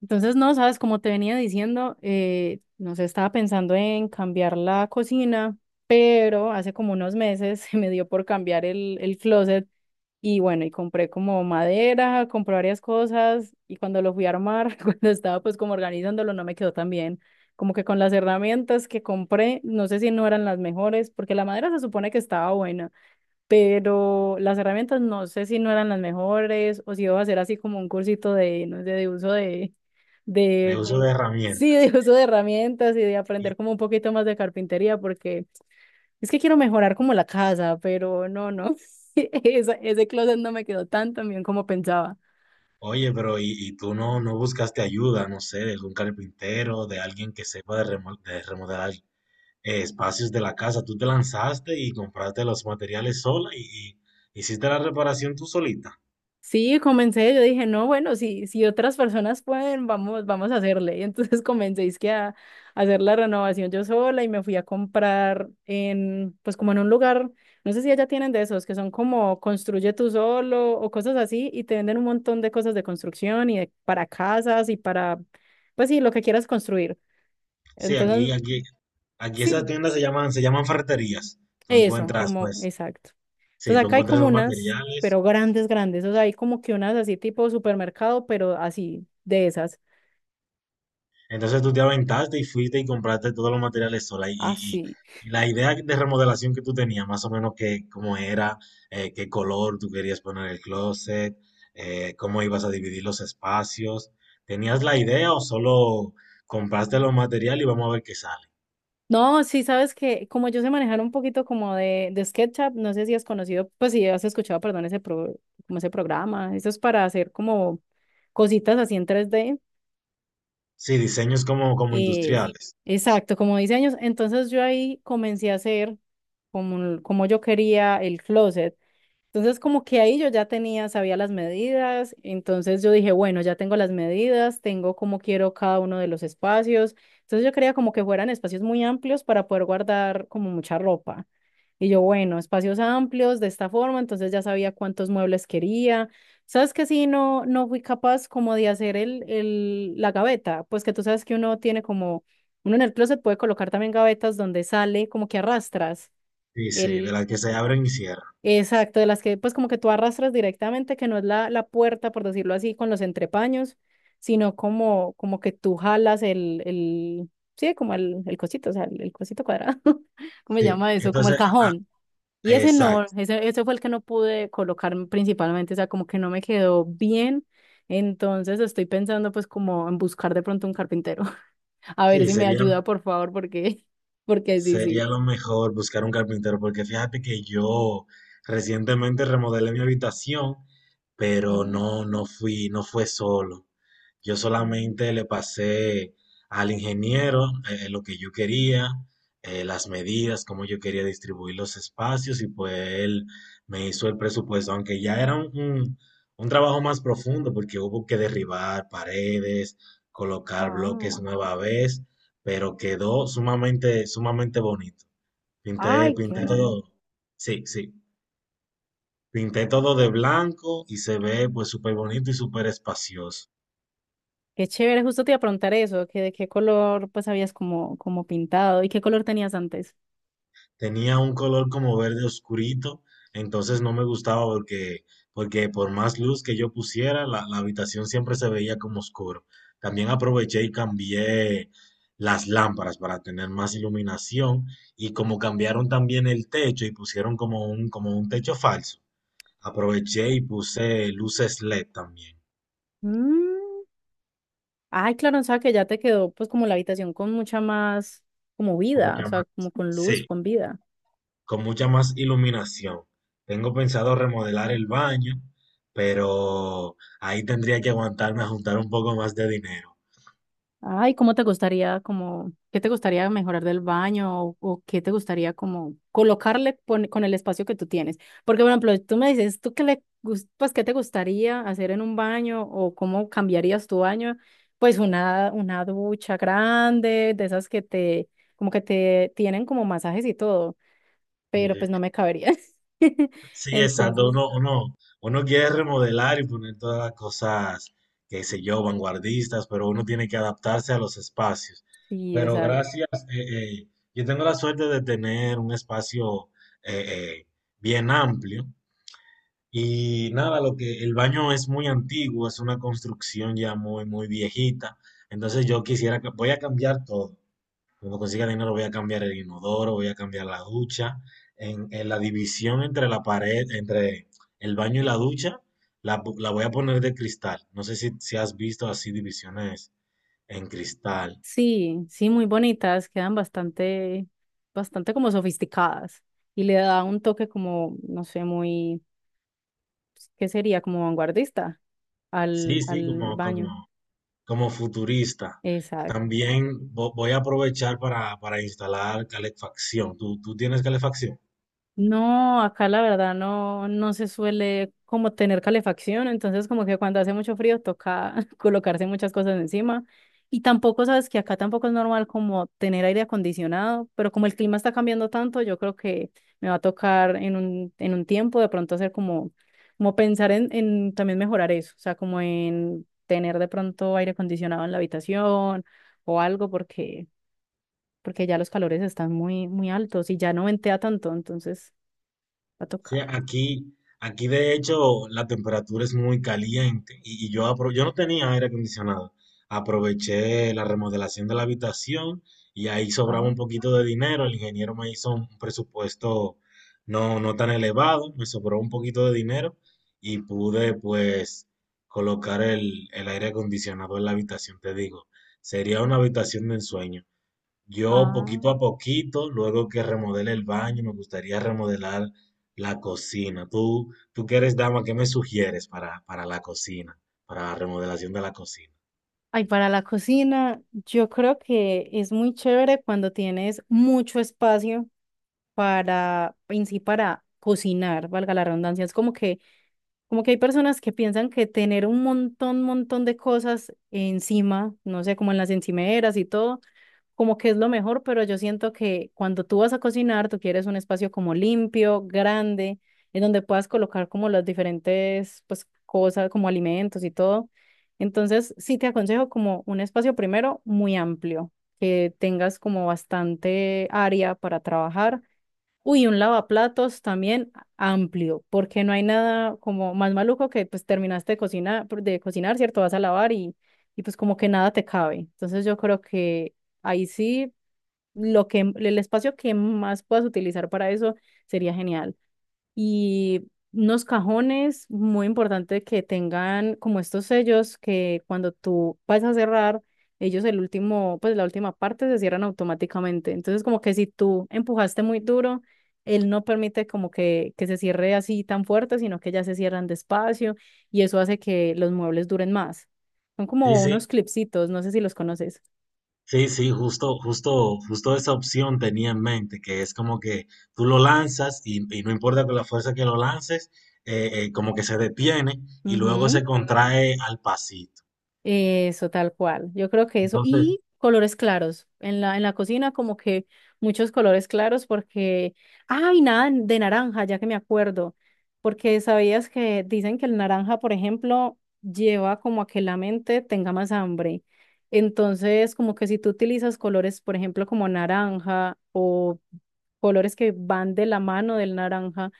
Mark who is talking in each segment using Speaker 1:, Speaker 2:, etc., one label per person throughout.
Speaker 1: Entonces, no, sabes, como te venía diciendo, no sé, estaba pensando en cambiar la cocina, pero hace como unos meses se me dio por cambiar el closet y bueno, y compré como madera, compré varias cosas y cuando lo fui a armar, cuando estaba pues como organizándolo, no me quedó tan bien. Como que con las herramientas que compré, no sé si no eran las mejores, porque la madera se supone que estaba buena, pero las herramientas no sé si no eran las mejores o si iba a hacer así como un cursito de, no sé, de uso de,
Speaker 2: De
Speaker 1: de,
Speaker 2: uso de
Speaker 1: sí,
Speaker 2: herramientas.
Speaker 1: de uso de herramientas y de aprender
Speaker 2: Y,
Speaker 1: como un poquito más de carpintería, porque es que quiero mejorar como la casa, pero no, no, ese closet no me quedó tan tan bien como pensaba.
Speaker 2: oye, pero y tú no buscaste ayuda, no sé, de algún carpintero, de alguien que sepa de, de remodelar espacios de la casa. Tú te lanzaste y compraste los materiales sola y hiciste la reparación tú solita.
Speaker 1: Sí, comencé, yo dije, no, bueno, si, si otras personas pueden, vamos, vamos a hacerle. Y entonces comencé es que a hacer la renovación yo sola y me fui a comprar en, pues como en un lugar, no sé si allá tienen de esos, que son como construye tú solo o cosas así y te venden un montón de cosas de construcción y para casas y para, pues sí, lo que quieras construir.
Speaker 2: Sí,
Speaker 1: Entonces,
Speaker 2: aquí esas
Speaker 1: sí.
Speaker 2: tiendas se llaman ferreterías. Tú
Speaker 1: Eso,
Speaker 2: encuentras,
Speaker 1: como,
Speaker 2: pues,
Speaker 1: exacto.
Speaker 2: sí,
Speaker 1: Entonces
Speaker 2: tú
Speaker 1: acá hay
Speaker 2: encuentras
Speaker 1: como
Speaker 2: los
Speaker 1: unas,
Speaker 2: materiales.
Speaker 1: pero grandes, grandes. O sea, hay como que unas así tipo supermercado, pero así, de esas.
Speaker 2: Entonces tú te aventaste y fuiste y compraste todos los materiales sola.
Speaker 1: Así.
Speaker 2: Y la idea de remodelación que tú tenías, más o menos que cómo era, qué color tú querías poner el closet, cómo ibas a dividir los espacios. ¿Tenías la idea o solo compraste los materiales y vamos a ver qué sale?
Speaker 1: No, sí, sabes que como yo sé manejar un poquito como de SketchUp, no sé si has conocido, pues si has escuchado, perdón, ese como ese programa. Eso es para hacer como cositas así en tres d.
Speaker 2: Sí, diseños como, como
Speaker 1: Es,
Speaker 2: industriales.
Speaker 1: exacto, como diseños. Entonces yo ahí comencé a hacer como, como yo quería el closet. Entonces, como que ahí yo ya tenía, sabía las medidas, entonces yo dije, bueno, ya tengo las medidas, tengo cómo quiero cada uno de los espacios. Entonces yo quería como que fueran espacios muy amplios para poder guardar como mucha ropa. Y yo, bueno, espacios amplios de esta forma, entonces ya sabía cuántos muebles quería. ¿Sabes que sí? No, no fui capaz como de hacer la gaveta, pues que tú sabes que uno tiene como, uno en el closet puede colocar también gavetas donde sale como que arrastras
Speaker 2: Sí, sí, de
Speaker 1: el.
Speaker 2: las que se abren y cierran.
Speaker 1: Exacto, de las que pues como que tú arrastras directamente, que no es la puerta, por decirlo así, con los entrepaños, sino como, como que tú jalas sí, como el cosito, o sea, el cosito cuadrado, ¿cómo se
Speaker 2: Sí,
Speaker 1: llama eso? Como el
Speaker 2: entonces, ah,
Speaker 1: cajón. Y
Speaker 2: ah,
Speaker 1: ese no,
Speaker 2: exacto.
Speaker 1: ese fue el que no pude colocar principalmente, o sea, como que no me quedó bien. Entonces estoy pensando pues como en buscar de pronto un carpintero, a ver
Speaker 2: Sí,
Speaker 1: si me
Speaker 2: sería.
Speaker 1: ayuda, por favor, porque, porque sí, sí.
Speaker 2: Sería lo mejor buscar un carpintero, porque fíjate que yo recientemente remodelé mi habitación, pero
Speaker 1: Oh,
Speaker 2: no, no fui, no fue solo. Yo
Speaker 1: ah,
Speaker 2: solamente le pasé al ingeniero lo que yo quería, las medidas, cómo yo quería distribuir los espacios y pues él me hizo el presupuesto, aunque ya era un trabajo más profundo porque hubo que derribar paredes, colocar
Speaker 1: ah.
Speaker 2: bloques nueva vez, pero quedó sumamente, sumamente bonito. Pinté,
Speaker 1: Ay, qué
Speaker 2: pinté
Speaker 1: bueno.
Speaker 2: todo, sí, sí, pinté todo de blanco y se ve pues súper bonito y súper espacioso.
Speaker 1: Qué chévere, justo te iba a preguntar eso, que de qué color pues habías como, como pintado y qué color tenías antes.
Speaker 2: Tenía un color como verde oscurito, entonces no me gustaba porque por más luz que yo pusiera, la habitación siempre se veía como oscuro. También aproveché y cambié las lámparas para tener más iluminación y como cambiaron también el techo y pusieron como un techo falso, aproveché y puse luces LED también.
Speaker 1: Mm. Ay, claro, o sea que ya te quedó pues como la habitación con mucha más como
Speaker 2: Como
Speaker 1: vida, o
Speaker 2: llaman?
Speaker 1: sea, como con luz,
Speaker 2: Sí,
Speaker 1: con vida.
Speaker 2: con mucha más iluminación. Tengo pensado remodelar el baño, pero ahí tendría que aguantarme a juntar un poco más de dinero.
Speaker 1: Ay, ¿cómo te gustaría, como, qué te gustaría mejorar del baño o qué te gustaría como colocarle con, el espacio que tú tienes? Porque, por ejemplo, tú me dices, ¿tú qué le, pues, qué te gustaría hacer en un baño o cómo cambiarías tu baño? Pues una ducha grande, de esas que te, como que te tienen como masajes y todo, pero
Speaker 2: Sí,
Speaker 1: pues no me cabería.
Speaker 2: sí, exacto.
Speaker 1: Entonces,
Speaker 2: Uno quiere remodelar y poner todas las cosas, qué sé yo, vanguardistas, pero uno tiene que adaptarse a los espacios.
Speaker 1: sí.
Speaker 2: Pero gracias, eh, eh, yo tengo la suerte de tener un espacio eh, eh, bien amplio. Y nada, lo que el baño es muy antiguo, es una construcción ya muy, muy viejita. Entonces yo quisiera, voy a cambiar todo. Cuando consiga dinero voy a cambiar el inodoro, voy a cambiar la ducha. En la división entre la pared, entre el baño y la ducha, la voy a poner de cristal. No sé si, si has visto así divisiones en cristal.
Speaker 1: Sí, sí, muy bonitas, quedan bastante, bastante como sofisticadas y le da un toque como, no sé, muy, ¿qué sería? Como vanguardista
Speaker 2: Sí,
Speaker 1: al,
Speaker 2: sí,
Speaker 1: al baño.
Speaker 2: como futurista. También voy a aprovechar para instalar calefacción. ¿Tú, tú tienes calefacción?
Speaker 1: No, acá la verdad no, no se suele como tener calefacción, entonces como que cuando hace mucho frío toca colocarse muchas cosas encima. Y tampoco sabes que acá tampoco es normal como tener aire acondicionado, pero como el clima está cambiando tanto, yo creo que me va a tocar en un tiempo de pronto hacer como, como pensar en también mejorar eso, o sea, como en tener de pronto aire acondicionado en la habitación o algo porque, porque ya los calores están muy, muy altos y ya no ventea tanto, entonces... Va a
Speaker 2: Sí,
Speaker 1: tocar.
Speaker 2: aquí de hecho la temperatura es muy caliente y yo, yo no tenía aire acondicionado. Aproveché la remodelación de la habitación y ahí sobraba
Speaker 1: Ajá.
Speaker 2: un poquito de dinero. El ingeniero me hizo un presupuesto no, no tan elevado, me sobró un poquito de dinero y pude pues colocar el aire acondicionado en la habitación, te digo. Sería una habitación de ensueño. Yo
Speaker 1: Ah.
Speaker 2: poquito a poquito, luego que remodele el baño, me gustaría remodelar la cocina. Tú que eres dama, ¿qué me sugieres para la cocina, para la remodelación de la cocina?
Speaker 1: Ay, para la cocina, yo creo que es muy chévere cuando tienes mucho espacio para, en sí, para cocinar, valga la redundancia. Es como que hay personas que piensan que tener un montón, montón de cosas encima, no sé, como en las encimeras y todo, como que es lo mejor, pero yo siento que cuando tú vas a cocinar, tú quieres un espacio como limpio, grande, en donde puedas colocar como las diferentes, pues, cosas, como alimentos y todo. Entonces, sí te aconsejo como un espacio primero muy amplio, que tengas como bastante área para trabajar. Uy, un lavaplatos también amplio, porque no hay nada como más maluco que pues terminaste de cocinar, ¿cierto? Vas a lavar y pues como que nada te cabe. Entonces yo creo que ahí sí, lo que el espacio que más puedas utilizar para eso sería genial, y unos cajones muy importante que tengan como estos sellos que cuando tú vas a cerrar, ellos el último, pues la última parte se cierran automáticamente. Entonces como que si tú empujaste muy duro, él no permite como que, se cierre así tan fuerte, sino que ya se cierran despacio, y eso hace que los muebles duren más. Son
Speaker 2: Sí,
Speaker 1: como
Speaker 2: sí,
Speaker 1: unos clipsitos, no sé si los conoces.
Speaker 2: sí, sí, justo, justo, justo esa opción tenía en mente, que es como que tú lo lanzas y no importa con la fuerza que lo lances, como que se detiene y luego se contrae al pasito.
Speaker 1: Eso, tal cual. Yo creo que eso.
Speaker 2: Entonces,
Speaker 1: Y colores claros. En la cocina, como que muchos colores claros, porque. ¡Ay, nada de naranja! Ya que me acuerdo. Porque sabías que dicen que el naranja, por ejemplo, lleva como a que la mente tenga más hambre. Entonces, como que si tú utilizas colores, por ejemplo, como naranja o colores que van de la mano del naranja,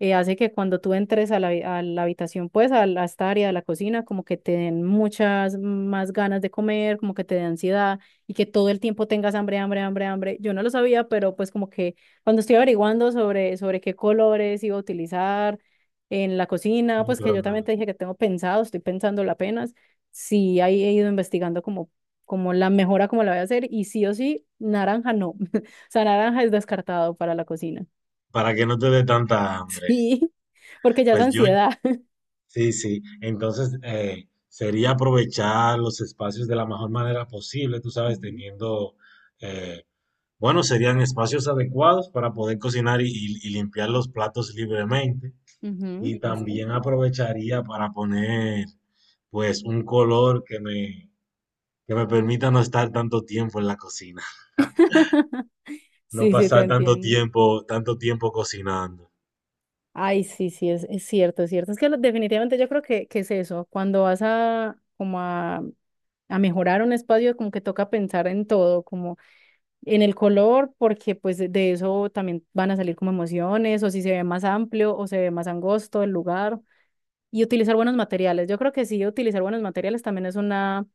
Speaker 1: hace que cuando tú entres a la, a la habitación, pues a, a esta área de la cocina, como que te den muchas más ganas de comer, como que te dé ansiedad y que todo el tiempo tengas hambre, hambre, hambre, hambre. Yo no lo sabía, pero pues como que cuando estoy averiguando sobre, sobre qué colores iba a utilizar en la cocina,
Speaker 2: sí,
Speaker 1: pues que
Speaker 2: pero
Speaker 1: yo
Speaker 2: no,
Speaker 1: también te dije que tengo pensado, estoy pensándolo apenas, sí ahí he ido investigando como, como la mejora, como la voy a hacer, y sí o sí, naranja no. O sea, naranja es descartado para la cocina.
Speaker 2: para que no te dé tanta hambre.
Speaker 1: Sí, porque ya es
Speaker 2: Pues yo,
Speaker 1: ansiedad.
Speaker 2: sí, sí. Entonces, sería aprovechar los espacios de la mejor manera posible, tú sabes,
Speaker 1: Ujú,
Speaker 2: teniendo, eh, bueno, serían espacios adecuados para poder cocinar y, y limpiar los platos libremente.
Speaker 1: ujú,
Speaker 2: Y
Speaker 1: exacto.
Speaker 2: también aprovecharía para poner, pues, un color que me permita no estar tanto tiempo en la cocina, no
Speaker 1: Sí, sí, te
Speaker 2: pasar
Speaker 1: entiendo.
Speaker 2: tanto tiempo cocinando.
Speaker 1: Ay, sí, sí, es cierto, es cierto. Es que definitivamente yo creo que es eso. Cuando vas a como a mejorar un espacio, como que toca pensar en todo, como en el color, porque pues de eso también van a salir como emociones, o si se ve más amplio o se ve más angosto el lugar, y utilizar buenos materiales. Yo creo que sí, utilizar buenos materiales también es una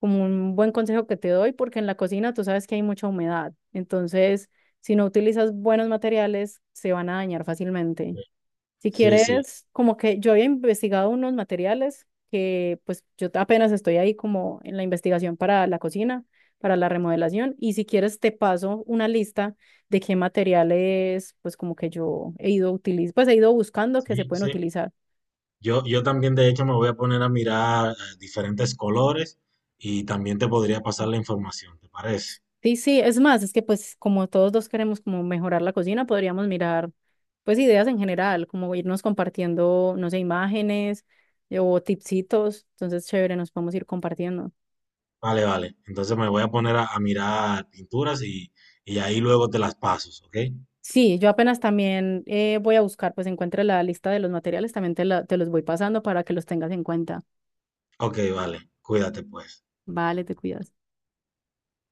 Speaker 1: como un buen consejo que te doy, porque en la cocina tú sabes que hay mucha humedad. Entonces, si no utilizas buenos materiales, se van a dañar fácilmente. Si
Speaker 2: Sí, sí,
Speaker 1: quieres, como que yo había investigado unos materiales que pues yo apenas estoy ahí como en la investigación para la cocina, para la remodelación. Y si quieres, te paso una lista de qué materiales pues como que yo he ido utilizando, pues he ido buscando que se
Speaker 2: sí,
Speaker 1: pueden
Speaker 2: sí.
Speaker 1: utilizar.
Speaker 2: Yo también, de hecho, me voy a poner a mirar diferentes colores y también te podría pasar la información, ¿te parece?
Speaker 1: Sí, sí, es más, es que pues como todos dos queremos como mejorar la cocina, podríamos mirar pues ideas en general, como irnos compartiendo, no sé, imágenes, o tipsitos, entonces chévere, nos podemos ir compartiendo.
Speaker 2: Vale, vale. Entonces me voy a poner a mirar pinturas y ahí luego te las paso, ¿ok?
Speaker 1: Sí, yo apenas también voy a buscar, pues encuentre la lista de los materiales, también te, te los voy pasando para que los tengas en cuenta.
Speaker 2: Ok, vale. Cuídate pues.
Speaker 1: Vale, te cuidas.